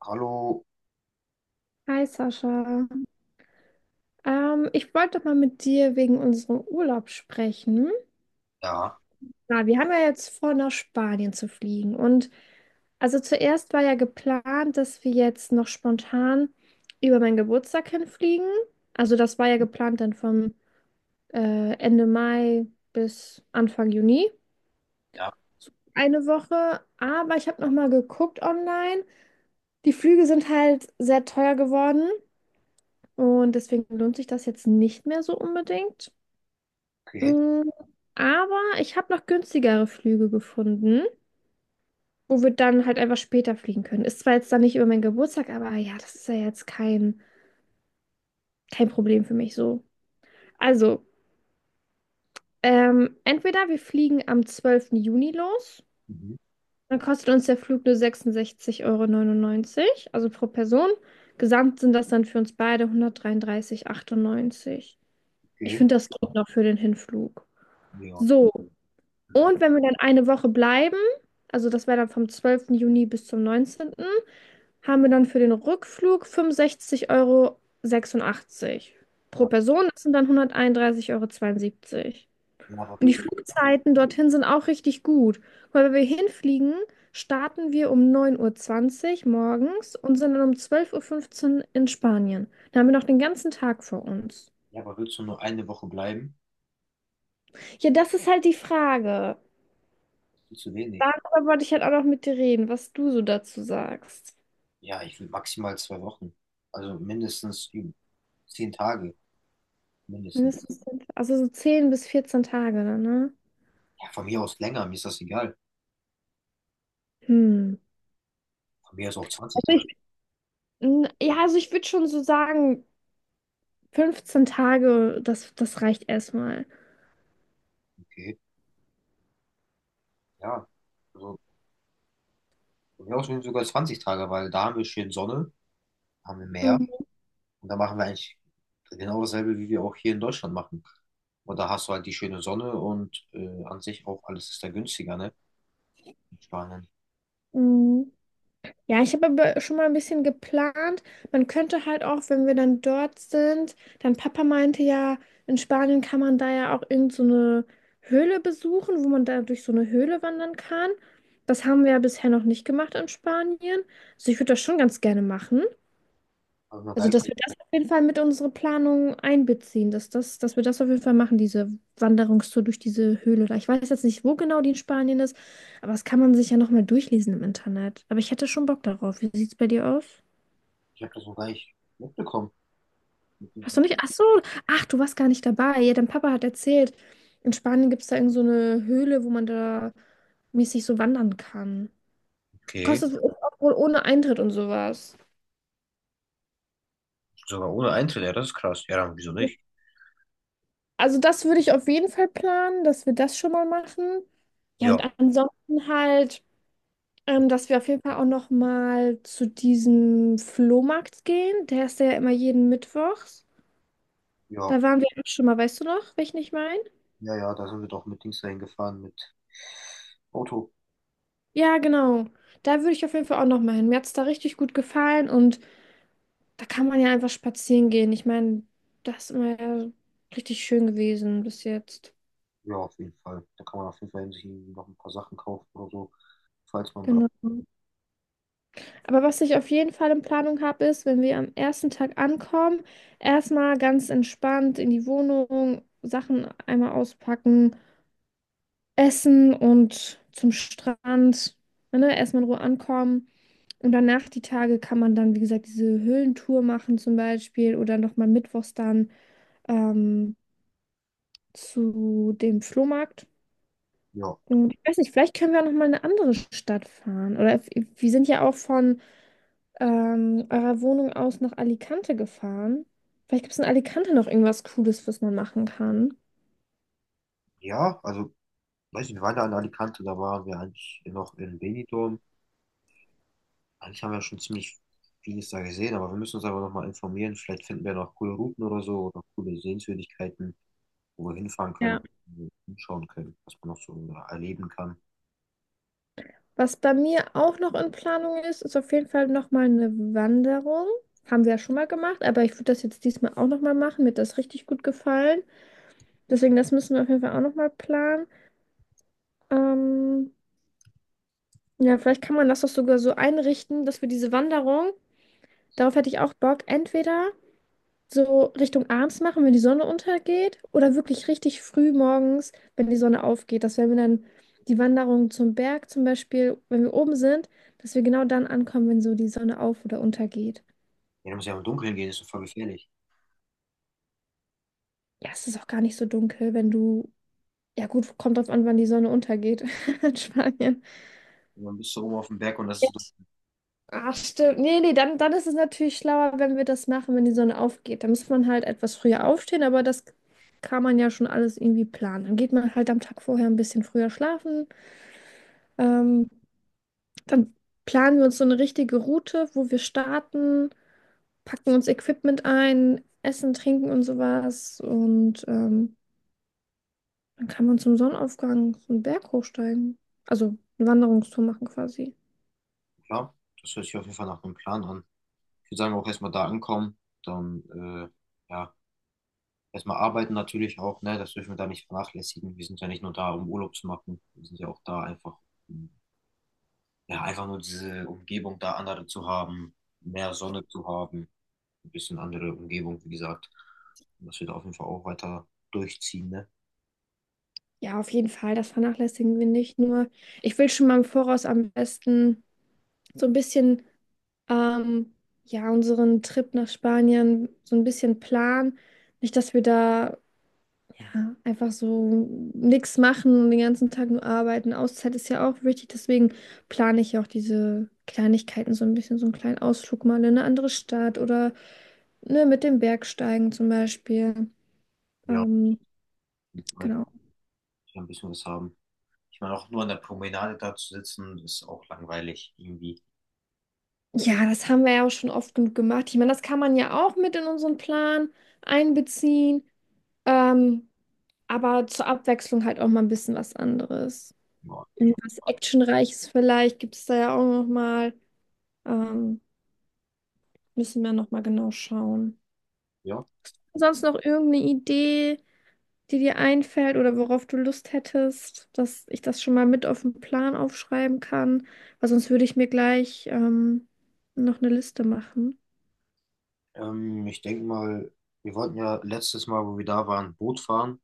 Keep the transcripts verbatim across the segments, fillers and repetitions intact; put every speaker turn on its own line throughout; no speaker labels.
Hallo.
Hi Sascha. Ähm, ich wollte mal mit dir wegen unserem Urlaub sprechen.
Ja,
Na, wir haben ja jetzt vor, nach Spanien zu fliegen. Und also zuerst war ja geplant, dass wir jetzt noch spontan über meinen Geburtstag hinfliegen. Also das war ja geplant dann vom äh, Ende Mai bis Anfang Juni.
ja,
So eine Woche. Aber ich habe noch mal geguckt online. Die Flüge sind halt sehr teuer geworden. Und deswegen lohnt sich das jetzt nicht mehr so unbedingt.
okay.
Mm, Aber ich habe noch günstigere Flüge gefunden, wo wir dann halt einfach später fliegen können. Ist zwar jetzt dann nicht über meinen Geburtstag, aber ja, das ist ja jetzt kein, kein Problem für mich so. Also, ähm, entweder wir fliegen am zwölften Juni los,
Mhm.
dann kostet uns der Flug nur sechsundsechzig Euro neunundneunzig, also pro Person. Gesamt sind das dann für uns beide hundertdreiunddreißig Komma achtundneunzig. Ich
Okay.
finde, das geht noch für den Hinflug.
Ja.
So.
Also,
Und wenn wir dann eine Woche bleiben, also das wäre dann vom zwölften Juni bis zum neunzehnten, haben wir dann für den Rückflug fünfundsechzig Euro sechsundachtzig pro
ja,
Person. Das sind dann hunderteinunddreißig Euro. zweiundsiebzig.
Ja, aber
Und die
willst,
Flugzeiten dorthin sind auch richtig gut. Weil wenn wir hinfliegen, starten wir um neun Uhr zwanzig morgens und sind dann um zwölf Uhr fünfzehn in Spanien. Da haben wir noch den ganzen Tag vor uns.
ja, aber willst du nur eine Woche bleiben?
Ja, das ist halt die Frage.
Viel zu wenig.
Darüber wollte ich halt auch noch mit dir reden, was du so dazu sagst.
Ja, ich will maximal zwei Wochen. Also mindestens üben. Zehn Tage, mindestens.
Mindestens zehn, also so zehn bis vierzehn Tage dann, ne?
Ja, von mir aus länger, mir ist das egal.
Hm.
Von mir aus auch zwanzig
Also
Tage,
ich, n- ja, also ich würde schon so sagen, fünfzehn Tage, das, das reicht erstmal.
okay. Ja, also von mir aus sind sogar zwanzig Tage, weil da haben wir schön Sonne, haben wir Meer
Mhm.
und da machen wir eigentlich genau dasselbe, wie wir auch hier in Deutschland machen. Und da hast du halt die schöne Sonne und äh, an sich auch alles ist da günstiger, ne? In Spanien.
Mhm. Ja, ich habe aber schon mal ein bisschen geplant. Man könnte halt auch, wenn wir dann dort sind, dann Papa meinte ja, in Spanien kann man da ja auch irgend so eine Höhle besuchen, wo man da durch so eine Höhle wandern kann. Das haben wir ja bisher noch nicht gemacht in Spanien. Also ich würde das schon ganz gerne machen.
Hab ich noch gar
Also,
nicht,
dass wir das auf jeden Fall mit unsere Planung einbeziehen, dass das, dass wir das auf jeden Fall machen, diese Wanderungstour durch diese Höhle da. Ich weiß jetzt nicht, wo genau die in Spanien ist, aber das kann man sich ja nochmal durchlesen im Internet. Aber ich hätte schon Bock darauf. Wie sieht's bei dir aus?
Ich habe das noch gar nicht mitbekommen. Mit
Hast
diesem-
du nicht? Ach so, ach, du warst gar nicht dabei. Ja, dein Papa hat erzählt, in Spanien gibt es da irgend so eine Höhle, wo man da mäßig so wandern kann.
okay,
Kostet auch wohl ohne Eintritt und sowas.
sogar ohne Eintritt, ja, das ist krass. Ja, dann wieso nicht?
Also das würde ich auf jeden Fall planen, dass wir das schon mal machen. Ja,
Ja,
und ansonsten halt, ähm, dass wir auf jeden Fall auch noch mal zu diesem Flohmarkt gehen. Der ist ja immer jeden Mittwochs.
ja,
Da waren wir auch schon mal, weißt du noch, welchen ich meine?
ja, ja, da sind wir doch mit Dings dahin gefahren, mit Auto.
Ja, genau. Da würde ich auf jeden Fall auch noch mal hin. Mir hat es da richtig gut gefallen und da kann man ja einfach spazieren gehen. Ich meine, das ist immer ja richtig schön gewesen bis jetzt.
Ja, auf jeden Fall. Da kann man auf jeden Fall sich irgendwie noch ein paar Sachen kaufen oder so, falls man braucht.
Genau. Aber was ich auf jeden Fall in Planung habe, ist, wenn wir am ersten Tag ankommen, erstmal ganz entspannt in die Wohnung, Sachen einmal auspacken, essen und zum Strand, ne, erstmal in Ruhe ankommen. Und danach die Tage kann man dann, wie gesagt, diese Höhlentour machen zum Beispiel oder nochmal mittwochs dann ähm, zu dem Flohmarkt.
Ja,
Und ich weiß nicht, vielleicht können wir auch nochmal in eine andere Stadt fahren. Oder f- wir sind ja auch von ähm, eurer Wohnung aus nach Alicante gefahren. Vielleicht gibt es in Alicante noch irgendwas Cooles, was man machen kann.
ja, also, weiß nicht, wir waren da in Alicante, da waren wir eigentlich noch in Benidorm. Eigentlich haben wir schon ziemlich vieles da gesehen, aber wir müssen uns aber nochmal informieren. Vielleicht finden wir noch coole Routen oder so oder coole Sehenswürdigkeiten, wo wir hinfahren können
Ja.
und hinschauen können, was man noch so erleben kann.
Was bei mir auch noch in Planung ist, ist auf jeden Fall nochmal eine Wanderung. Haben wir ja schon mal gemacht, aber ich würde das jetzt diesmal auch nochmal machen. Mir hat das richtig gut gefallen. Deswegen, das müssen wir auf jeden Fall auch nochmal planen. Ähm, ja, vielleicht kann man das doch sogar so einrichten, dass wir diese Wanderung, darauf hätte ich auch Bock, entweder so Richtung abends machen, wenn die Sonne untergeht, oder wirklich richtig früh morgens, wenn die Sonne aufgeht, dass wenn wir dann die Wanderung zum Berg zum Beispiel, wenn wir oben sind, dass wir genau dann ankommen, wenn so die Sonne auf oder untergeht.
Ja, da muss ja im Dunkeln gehen, ist doch voll gefährlich.
Ja, es ist auch gar nicht so dunkel, wenn du, ja gut, kommt drauf an, wann die Sonne untergeht in Spanien.
Und dann bist du oben auf dem Berg und das ist dunkel.
Ach, stimmt. Nee, nee, dann, dann ist es natürlich schlauer, wenn wir das machen, wenn die Sonne aufgeht. Da muss man halt etwas früher aufstehen, aber das kann man ja schon alles irgendwie planen. Dann geht man halt am Tag vorher ein bisschen früher schlafen. Ähm, dann planen wir uns so eine richtige Route, wo wir starten, packen uns Equipment ein, essen, trinken und sowas. Und ähm, dann kann man zum Sonnenaufgang so einen Berg hochsteigen. Also eine Wanderungstour machen quasi.
Klar, das hört sich auf jeden Fall nach einem Plan an. Ich würde sagen, auch erstmal da ankommen, dann äh, ja, erstmal arbeiten natürlich auch, ne? Das dürfen wir da nicht vernachlässigen. Wir sind ja nicht nur da, um Urlaub zu machen, wir sind ja auch da einfach, um, ja, einfach nur diese Umgebung da andere zu haben, mehr Sonne zu haben, ein bisschen andere Umgebung, wie gesagt. Und das wird auf jeden Fall auch weiter durchziehen, ne?
Ja, auf jeden Fall, das vernachlässigen wir nicht. Nur, ich will schon mal im Voraus am besten so ein bisschen, ähm, ja, unseren Trip nach Spanien so ein bisschen planen. Nicht, dass wir da ja einfach so nichts machen und den ganzen Tag nur arbeiten. Auszeit ist ja auch wichtig, deswegen plane ich ja auch diese Kleinigkeiten so ein bisschen, so einen kleinen Ausflug mal in eine andere Stadt oder ne, mit dem Bergsteigen zum Beispiel.
Ja,
Ähm, genau.
ich ein bisschen was haben. Ich meine, auch nur an der Promenade da zu sitzen, ist auch langweilig irgendwie.
Ja, das haben wir ja auch schon oft genug gemacht. Ich meine, das kann man ja auch mit in unseren Plan einbeziehen, ähm, aber zur Abwechslung halt auch mal ein bisschen was anderes.
Ja. ich-
Irgendwas Actionreiches vielleicht gibt es da ja auch noch mal. Ähm, Müssen wir nochmal genau schauen.
ja.
Sonst noch irgendeine Idee, die dir einfällt oder worauf du Lust hättest, dass ich das schon mal mit auf den Plan aufschreiben kann, weil sonst würde ich mir gleich ähm, noch eine Liste machen.
Ähm, ich denke mal, wir wollten ja letztes Mal, wo wir da waren, Boot fahren.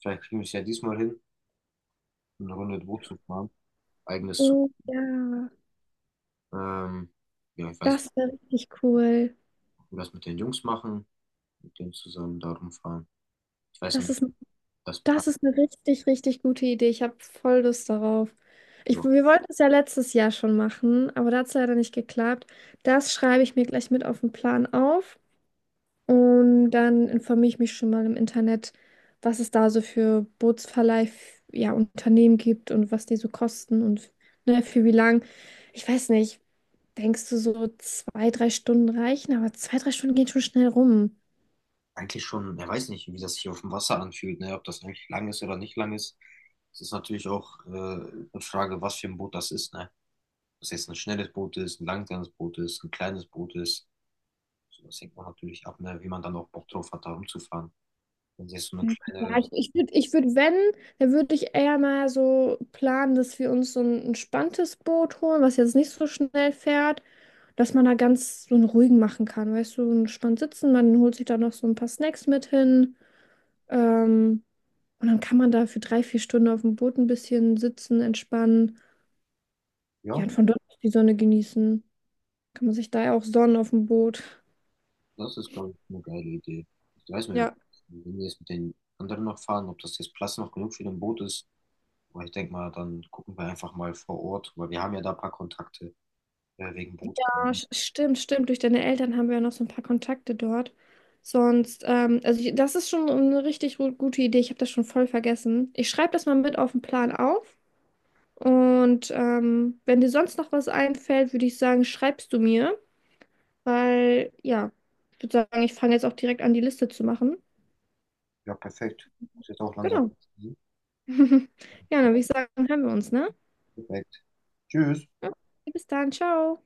Vielleicht kriegen wir es ja diesmal hin, eine Runde Boot zu fahren. Eigenes zu.
Oh ja,
Ähm, ja, ich weiß nicht,
das wäre richtig cool.
ob wir das mit den Jungs machen, mit denen zusammen da rumfahren. Ich weiß
Das
nicht,
ist,
das Plan.
das ist eine richtig, richtig gute Idee. Ich habe voll Lust darauf. Ich, wir wollten es ja letztes Jahr schon machen, aber da hat es leider nicht geklappt. Das schreibe ich mir gleich mit auf den Plan auf. Und dann informiere ich mich schon mal im Internet, was es da so für Bootsverleih, ja, Unternehmen gibt und was die so kosten und ne, für wie lang. Ich weiß nicht, denkst du so zwei, drei Stunden reichen? Aber zwei, drei Stunden gehen schon schnell rum.
Eigentlich schon, er weiß nicht, wie das hier auf dem Wasser anfühlt, ne? Ob das eigentlich lang ist oder nicht lang ist. Das ist natürlich auch äh, eine Frage, was für ein Boot das ist, ne? Ob das jetzt ein schnelles Boot ist, ein langsames Boot ist, ein kleines Boot ist. So, das hängt man natürlich ab, ne? Wie man dann auch Bock drauf hat, da rumzufahren. Wenn es jetzt so eine
Ja,
kleine,
ich, ich würde, ich würd, wenn, dann würde ich eher mal so planen, dass wir uns so ein entspanntes Boot holen, was jetzt nicht so schnell fährt, dass man da ganz so einen ruhigen machen kann. Weißt du, so entspannt sitzen, man holt sich da noch so ein paar Snacks mit hin. Ähm, und dann kann man da für drei, vier Stunden auf dem Boot ein bisschen sitzen, entspannen. Ja,
ja,
und von dort aus die Sonne genießen. Kann man sich da ja auch sonnen auf dem Boot.
das ist, glaube ich, eine geile Idee. Ich weiß nicht, ob,
Ja.
wenn wir jetzt mit den anderen noch fahren, ob das jetzt Platz noch genug für ein Boot ist. Aber ich denke mal, dann gucken wir einfach mal vor Ort, weil wir haben ja da ein paar Kontakte äh, wegen Boot.
Ah, sch- stimmt, stimmt. Durch deine Eltern haben wir ja noch so ein paar Kontakte dort. Sonst, ähm, also ich, das ist schon eine richtig ru- gute Idee. Ich habe das schon voll vergessen. Ich schreibe das mal mit auf den Plan auf. Und ähm, wenn dir sonst noch was einfällt, würde ich sagen, schreibst du mir. Weil, ja, ich würde sagen, ich fange jetzt auch direkt an, die Liste zu machen.
Ja, perfekt. Muss jetzt auch langsam.
Genau. Ja, dann würde ich sagen, hören wir uns, ne?
Perfekt. Tschüss.
Ja, bis dann, ciao.